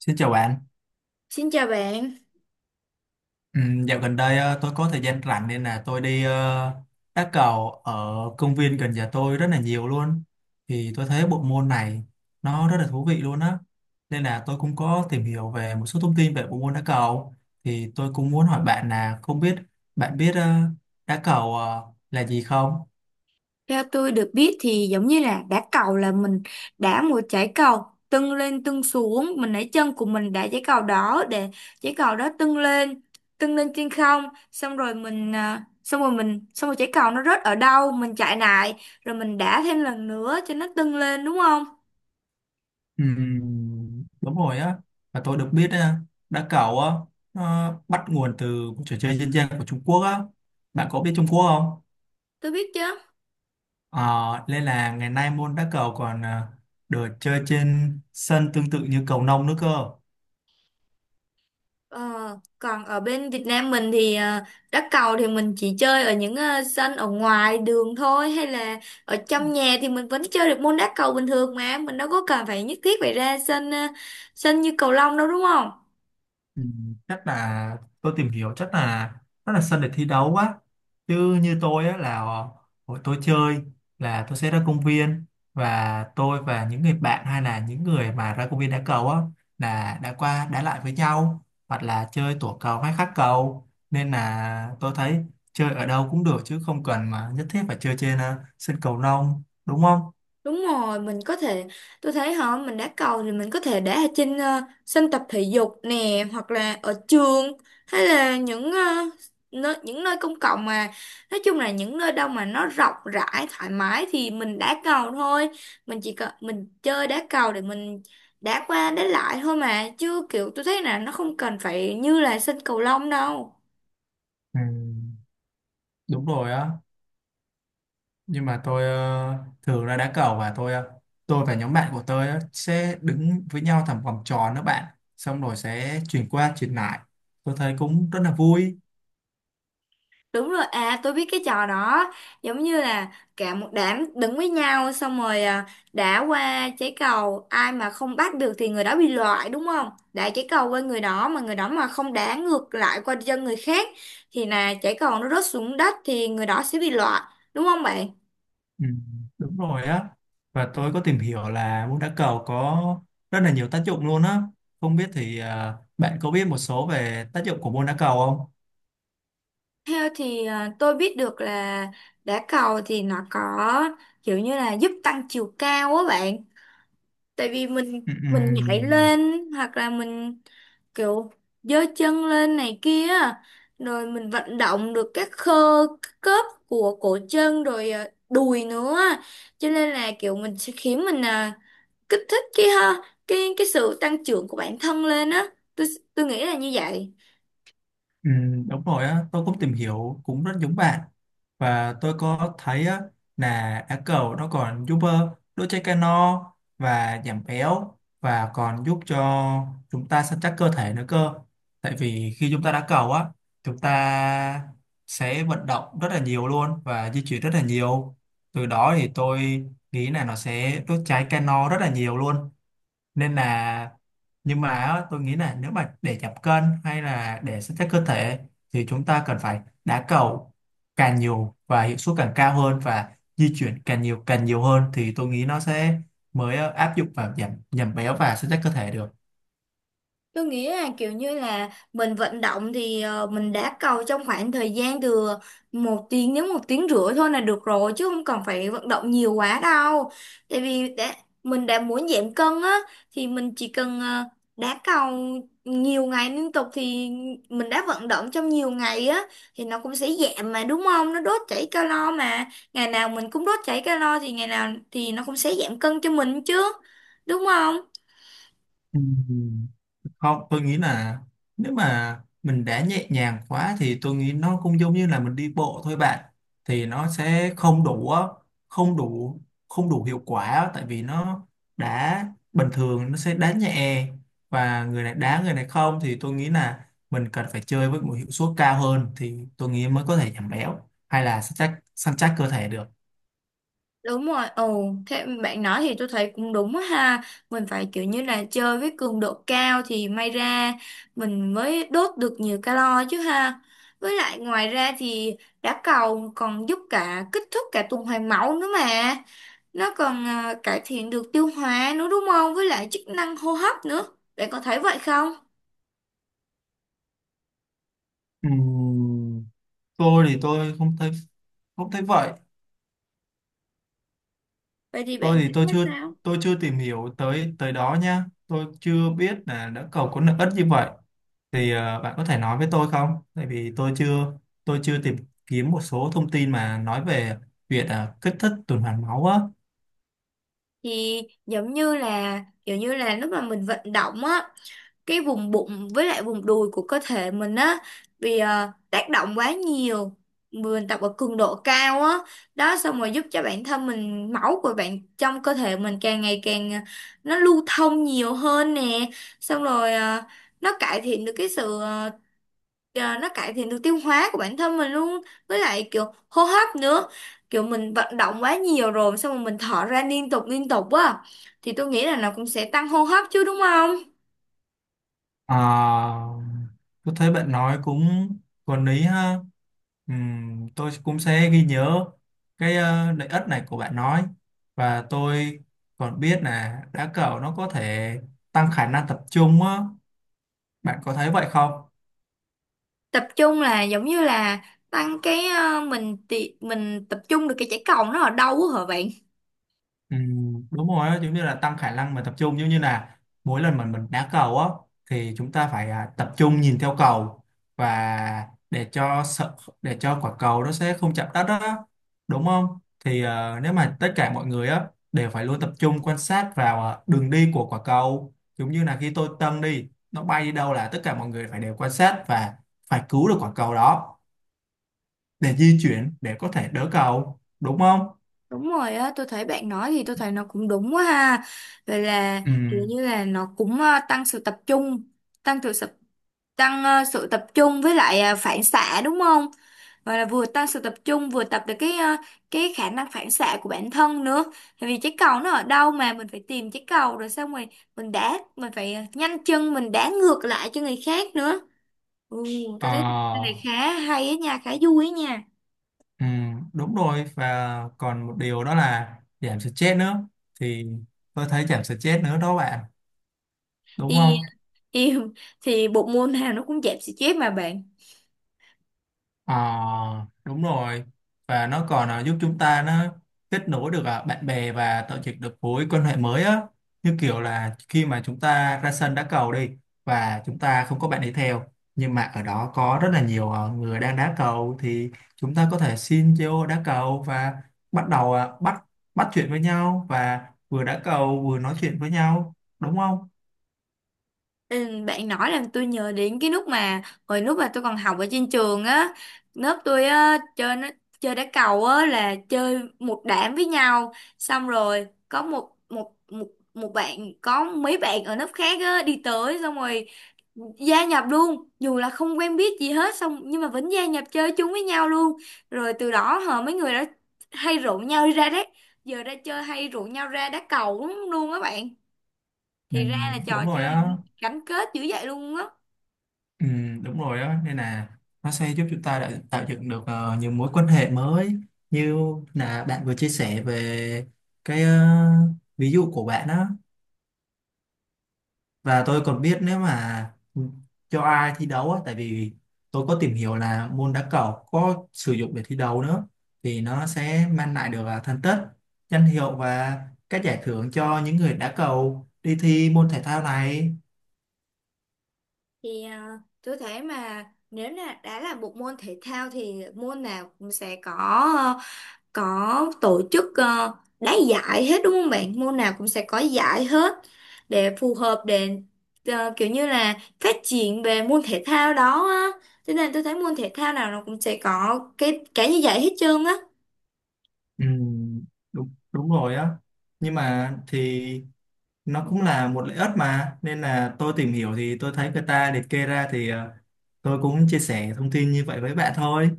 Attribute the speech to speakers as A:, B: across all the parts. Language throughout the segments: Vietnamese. A: Xin chào bạn.
B: Xin chào bạn.
A: Ừ, dạo gần đây tôi có thời gian rảnh nên là tôi đi đá cầu ở công viên gần nhà tôi rất là nhiều luôn. Thì tôi thấy bộ môn này nó rất là thú vị luôn á. Nên là tôi cũng có tìm hiểu về một số thông tin về bộ môn đá cầu. Thì tôi cũng muốn hỏi bạn là không biết bạn biết đá cầu là gì không?
B: Theo tôi được biết thì giống như là đá cầu là mình đá một trái cầu tưng lên tưng xuống, mình lấy chân của mình đá trái cầu đó để trái cầu đó tưng lên trên không, xong rồi mình à, xong rồi mình xong rồi trái cầu nó rớt ở đâu, mình chạy lại rồi mình đá thêm lần nữa cho nó tưng lên đúng không?
A: Ừm, đúng rồi á. Và tôi được biết đá cầu á nó bắt nguồn từ một trò chơi dân gian của Trung Quốc á. Bạn có biết Trung Quốc không?
B: Tôi biết chứ.
A: Ờ, Nên là ngày nay môn đá cầu còn được chơi trên sân tương tự như cầu lông nữa cơ.
B: Ờ, Còn ở bên Việt Nam mình thì đá cầu thì mình chỉ chơi ở những sân ở ngoài đường thôi hay là ở trong nhà thì mình vẫn chơi được môn đá cầu bình thường mà mình đâu có cần phải nhất thiết phải ra sân như cầu lông đâu đúng không?
A: Ừ, chắc là tôi tìm hiểu chắc là rất là sân để thi đấu quá. Chứ như tôi á, là hồi tôi chơi là tôi sẽ ra công viên và tôi và những người bạn hay là những người mà ra công viên đá cầu á là đã qua đá lại với nhau hoặc là chơi tổ cầu hay khắc cầu nên là tôi thấy chơi ở đâu cũng được chứ không cần mà nhất thiết phải chơi trên sân cầu lông đúng không?
B: Đúng rồi, mình có thể, tôi thấy hả, mình đá cầu thì mình có thể đá ở trên sân tập thể dục nè, hoặc là ở trường, hay là những nơi công cộng mà, nói chung là những nơi đâu mà nó rộng rãi, thoải mái thì mình đá cầu thôi. Mình chơi đá cầu để mình đá qua đá lại thôi mà, chứ kiểu tôi thấy là nó không cần phải như là sân cầu lông đâu.
A: Ừ, đúng rồi á nhưng mà tôi thường là đá cầu và tôi và nhóm bạn của tôi á, sẽ đứng với nhau thành vòng tròn đó bạn xong rồi sẽ chuyển qua chuyển lại tôi thấy cũng rất là vui.
B: Đúng rồi, tôi biết cái trò đó. Giống như là cả một đám đứng với nhau, xong rồi đá qua trái cầu, ai mà không bắt được thì người đó bị loại đúng không? Đá trái cầu qua người đó mà người đó mà không đá ngược lại qua chân người khác thì là trái cầu nó rớt xuống đất thì người đó sẽ bị loại. Đúng không bạn?
A: Ừ, đúng rồi á. Và tôi có tìm hiểu là môn đá cầu có rất là nhiều tác dụng luôn á. Không biết thì bạn có biết một số về tác dụng của môn đá cầu không?
B: Theo tôi biết được là đá cầu thì nó có kiểu như là giúp tăng chiều cao á bạn, tại vì mình
A: Ừ, ừ.
B: mình nhảy lên hoặc là mình kiểu giơ chân lên này kia rồi mình vận động được các khớp của cổ chân rồi đùi nữa, cho nên là kiểu mình sẽ khiến mình kích thích cái ha cái sự tăng trưởng của bản thân lên á. Tôi tôi nghĩ là như vậy.
A: Ừ, đúng rồi á, tôi cũng tìm hiểu cũng rất giống bạn và tôi có thấy á, là á cầu nó còn giúp đốt cháy calo và giảm béo và còn giúp cho chúng ta săn chắc cơ thể nữa cơ tại vì khi chúng ta đá cầu á chúng ta sẽ vận động rất là nhiều luôn và di chuyển rất là nhiều từ đó thì tôi nghĩ là nó sẽ đốt cháy calo rất là nhiều luôn nên là nhưng mà á, tôi nghĩ là nếu mà để giảm cân hay là để săn chắc cơ thể thì chúng ta cần phải đá cầu càng nhiều và hiệu suất càng cao hơn và di chuyển càng nhiều hơn thì tôi nghĩ nó sẽ mới áp dụng vào giảm giảm béo và săn chắc cơ thể được.
B: Tôi nghĩ là kiểu như là mình vận động thì mình đá cầu trong khoảng thời gian từ 1 tiếng đến 1 tiếng rưỡi thôi là được rồi chứ không cần phải vận động nhiều quá đâu. Tại vì mình đã muốn giảm cân á thì mình chỉ cần đá cầu nhiều ngày liên tục thì mình đã vận động trong nhiều ngày á thì nó cũng sẽ giảm mà đúng không? Nó đốt cháy calo mà, ngày nào mình cũng đốt cháy calo thì ngày nào thì nó cũng sẽ giảm cân cho mình chứ đúng không?
A: Ừ. Không, tôi nghĩ là nếu mà mình đã nhẹ nhàng quá thì tôi nghĩ nó cũng giống như là mình đi bộ thôi bạn thì nó sẽ không đủ á, không đủ không đủ hiệu quả á, tại vì nó đá bình thường nó sẽ đá nhẹ và người này đá người này không thì tôi nghĩ là mình cần phải chơi với một hiệu suất cao hơn thì tôi nghĩ mới có thể giảm béo hay là săn chắc cơ thể được.
B: Đúng rồi, ồ, thế bạn nói thì tôi thấy cũng đúng á ha. Mình phải kiểu như là chơi với cường độ cao thì may ra mình mới đốt được nhiều calo chứ ha. Với lại ngoài ra thì đá cầu còn giúp cả kích thích cả tuần hoàn máu nữa mà. Nó còn cải thiện được tiêu hóa nữa đúng không? Với lại chức năng hô hấp nữa. Bạn có thấy vậy không?
A: Ừm, tôi thì tôi không thấy vậy.
B: Vậy thì
A: Tôi
B: bạn
A: thì tôi
B: thấy
A: chưa
B: sao?
A: tìm hiểu tới tới đó nha. Tôi chưa biết là đã cầu có lợi ích như vậy thì bạn có thể nói với tôi không tại vì tôi chưa tìm kiếm một số thông tin mà nói về việc kích thích tuần hoàn máu á.
B: Thì giống như là kiểu như là lúc mà mình vận động á, cái vùng bụng với lại vùng đùi của cơ thể mình á, vì tác động quá nhiều, mình tập ở cường độ cao á đó, xong rồi giúp cho bản thân mình, máu của bạn trong cơ thể mình càng ngày càng nó lưu thông nhiều hơn nè, xong rồi nó cải thiện được cái sự ờ, ờ, nó cải thiện được tiêu hóa của bản thân mình luôn, với lại kiểu hô hấp nữa, kiểu mình vận động quá nhiều rồi xong rồi mình thở ra liên tục á thì tôi nghĩ là nó cũng sẽ tăng hô hấp chứ đúng không?
A: Ờ, tôi thấy bạn nói cũng có lý ha. Tôi cũng sẽ ghi nhớ cái lợi ích này của bạn nói và tôi còn biết là đá cầu nó có thể tăng khả năng tập trung á. Bạn có thấy vậy không?
B: Tập trung là giống như là tăng cái mình tập trung được cái trái cầu nó ở đâu á hả bạn?
A: Ừ, đúng rồi á, giống như là tăng khả năng mà tập trung giống như là mỗi lần mà mình đá cầu á thì chúng ta phải tập trung nhìn theo cầu và để cho quả cầu nó sẽ không chạm đất đó đúng không thì nếu mà tất cả mọi người á đều phải luôn tập trung quan sát vào đường đi của quả cầu giống như là khi tôi dâng đi nó bay đi đâu là tất cả mọi người phải đều quan sát và phải cứu được quả cầu đó để di chuyển để có thể đỡ cầu đúng không?
B: Đúng rồi á, tôi thấy bạn nói thì tôi thấy nó cũng đúng quá ha, rồi là
A: Ừ.
B: kiểu như là nó cũng ờ, tăng sự tập trung tăng sự sập- tăng ờ, sự tập trung với lại phản xạ đúng không? Và là vừa tăng sự tập trung vừa tập được cái khả năng phản xạ của bản thân nữa, tại vì trái cầu nó ở đâu mà mình phải tìm trái cầu rồi xong rồi mình phải nhanh chân mình đá ngược lại cho người khác nữa. Ừ, tôi thấy cái này
A: Ờ.
B: khá hay á nha, khá vui á nha.
A: Ừ, đúng rồi và còn một điều đó là giảm stress nữa thì tôi thấy giảm stress nữa đó bạn đúng
B: Thì
A: không?
B: thì thì bộ môn nào nó cũng dẹp xì chép mà bạn.
A: Ờ, đúng rồi và nó còn giúp chúng ta nó kết nối được bạn bè và tạo dựng được mối quan hệ mới á như kiểu là khi mà chúng ta ra sân đá cầu đi và chúng ta không có bạn đi theo nhưng mà ở đó có rất là nhiều người đang đá cầu thì chúng ta có thể xin vô đá cầu và bắt đầu bắt bắt chuyện với nhau và vừa đá cầu vừa nói chuyện với nhau đúng không?
B: Ừ, bạn nói làm tôi nhớ đến cái lúc mà hồi lúc mà tôi còn học ở trên trường á, lớp tôi á chơi nó chơi đá cầu á là chơi một đám với nhau, xong rồi có một một một một bạn, có mấy bạn ở lớp khác á đi tới xong rồi gia nhập luôn dù là không quen biết gì hết xong nhưng mà vẫn gia nhập chơi chung với nhau luôn, rồi từ đó mấy người đã hay rủ nhau đi ra đấy giờ ra chơi hay rủ nhau ra đá cầu lắm luôn á bạn,
A: Ừ,
B: thì ra là
A: đúng
B: trò
A: rồi
B: chơi
A: á.
B: này gắn kết dữ vậy luôn á.
A: Ừ, đúng rồi đó nên là nó sẽ giúp chúng ta đã tạo dựng được nhiều mối quan hệ mới như là bạn vừa chia sẻ về cái ví dụ của bạn đó và tôi còn biết nếu mà cho ai thi đấu á tại vì tôi có tìm hiểu là môn đá cầu có sử dụng để thi đấu nữa thì nó sẽ mang lại được thành tích danh hiệu và các giải thưởng cho những người đá cầu đi thi môn thể thao này.
B: Thì tôi thấy mà nếu là đã là một môn thể thao thì môn nào cũng sẽ có tổ chức đá giải hết đúng không bạn? Môn nào cũng sẽ có giải hết để phù hợp để kiểu như là phát triển về môn thể thao đó á. Cho nên tôi thấy môn thể thao nào nó cũng sẽ có cái như vậy hết trơn á.
A: Ừ, đúng đúng rồi á nhưng mà thì nó cũng là một lợi ích mà nên là tôi tìm hiểu thì tôi thấy người ta liệt kê ra thì tôi cũng chia sẻ thông tin như vậy với bạn thôi.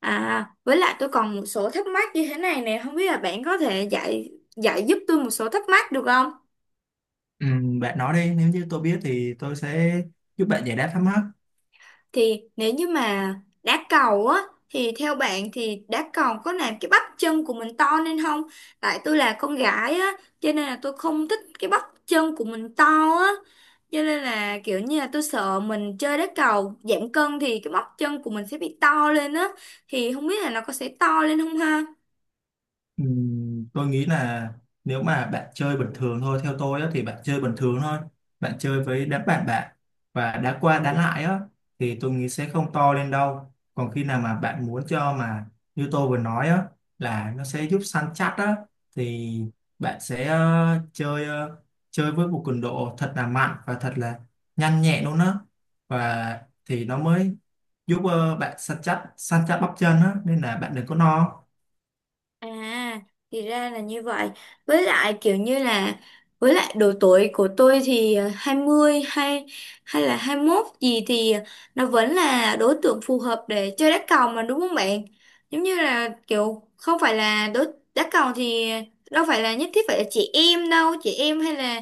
B: À, với lại tôi còn một số thắc mắc như thế này nè, không biết là bạn có thể giải giải giúp tôi một số thắc mắc được không?
A: Bạn nói đi nếu như tôi biết thì tôi sẽ giúp bạn giải đáp thắc mắc.
B: Thì nếu như mà đá cầu á thì theo bạn thì đá cầu có làm cái bắp chân của mình to lên không? Tại tôi là con gái á, cho nên là tôi không thích cái bắp chân của mình to á. Cho nên là kiểu như là tôi sợ mình chơi đá cầu giảm cân thì cái bắp chân của mình sẽ bị to lên á, thì không biết là nó có sẽ to lên không ha?
A: Tôi nghĩ là nếu mà bạn chơi bình thường thôi theo tôi á, thì bạn chơi bình thường thôi bạn chơi với đám bạn bạn và đá qua đá lại á thì tôi nghĩ sẽ không to lên đâu còn khi nào mà bạn muốn cho mà như tôi vừa nói á là nó sẽ giúp săn chắc á thì bạn sẽ chơi với một cường độ thật là mạnh và thật là nhanh nhẹn luôn á và thì nó mới giúp bạn săn chắc bắp chân á nên là bạn đừng có no.
B: À, thì ra là như vậy. Với lại kiểu như là với lại độ tuổi của tôi thì 20 hay hay là 21 gì thì nó vẫn là đối tượng phù hợp để chơi đá cầu mà đúng không bạn? Giống như là kiểu không phải là đá cầu thì đâu phải là nhất thiết phải là chị em đâu, chị em hay là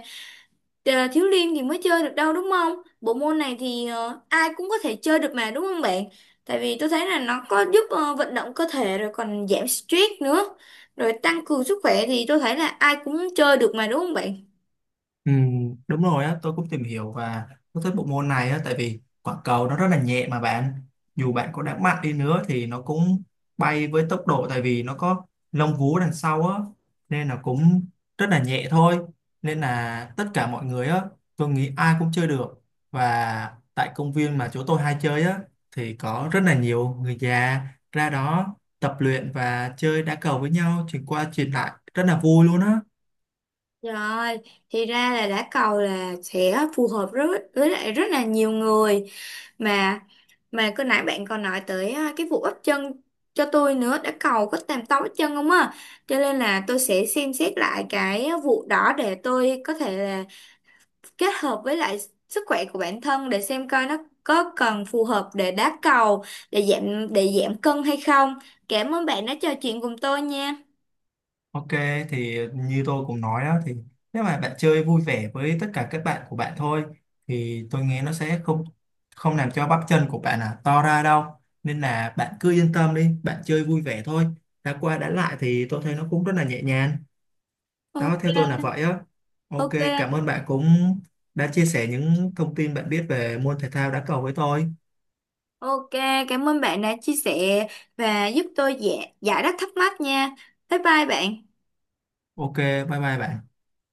B: Thiếu liên thì mới chơi được đâu đúng không? Bộ môn này thì ai cũng có thể chơi được mà đúng không bạn? Tại vì tôi thấy là nó có giúp vận động cơ thể rồi còn giảm stress nữa. Rồi tăng cường sức khỏe thì tôi thấy là ai cũng chơi được mà đúng không bạn?
A: Ừ, đúng rồi á, tôi cũng tìm hiểu và tôi thích bộ môn này á, tại vì quả cầu nó rất là nhẹ mà bạn dù bạn có đá mạnh đi nữa thì nó cũng bay với tốc độ tại vì nó có lông vú đằng sau á nên là cũng rất là nhẹ thôi nên là tất cả mọi người á tôi nghĩ ai cũng chơi được và tại công viên mà chỗ tôi hay chơi á thì có rất là nhiều người già ra đó tập luyện và chơi đá cầu với nhau chuyển qua chuyển lại rất là vui luôn á.
B: Rồi, thì ra là đá cầu là sẽ phù hợp rất với lại rất là nhiều người mà. Mà cứ nãy bạn còn nói tới cái vụ ấp chân cho tôi nữa, đã cầu có tàm tao ấp chân không á, cho nên là tôi sẽ xem xét lại cái vụ đó để tôi có thể là kết hợp với lại sức khỏe của bản thân để xem coi nó có cần phù hợp để đá cầu để giảm cân hay không. Cảm ơn bạn đã trò chuyện cùng tôi nha.
A: Ok, thì như tôi cũng nói đó thì nếu mà bạn chơi vui vẻ với tất cả các bạn của bạn thôi thì tôi nghe nó sẽ không không làm cho bắp chân của bạn to ra đâu nên là bạn cứ yên tâm đi bạn chơi vui vẻ thôi đã qua đã lại thì tôi thấy nó cũng rất là nhẹ nhàng đó theo tôi
B: OK.
A: là vậy á. Ok. Cảm
B: OK.
A: ơn bạn cũng đã chia sẻ những thông tin bạn biết về môn thể thao đá cầu với tôi.
B: OK. Cảm ơn bạn đã chia sẻ và giúp tôi giải giải đáp thắc mắc nha. Bye bye bạn.
A: Ok. Bye bye bạn.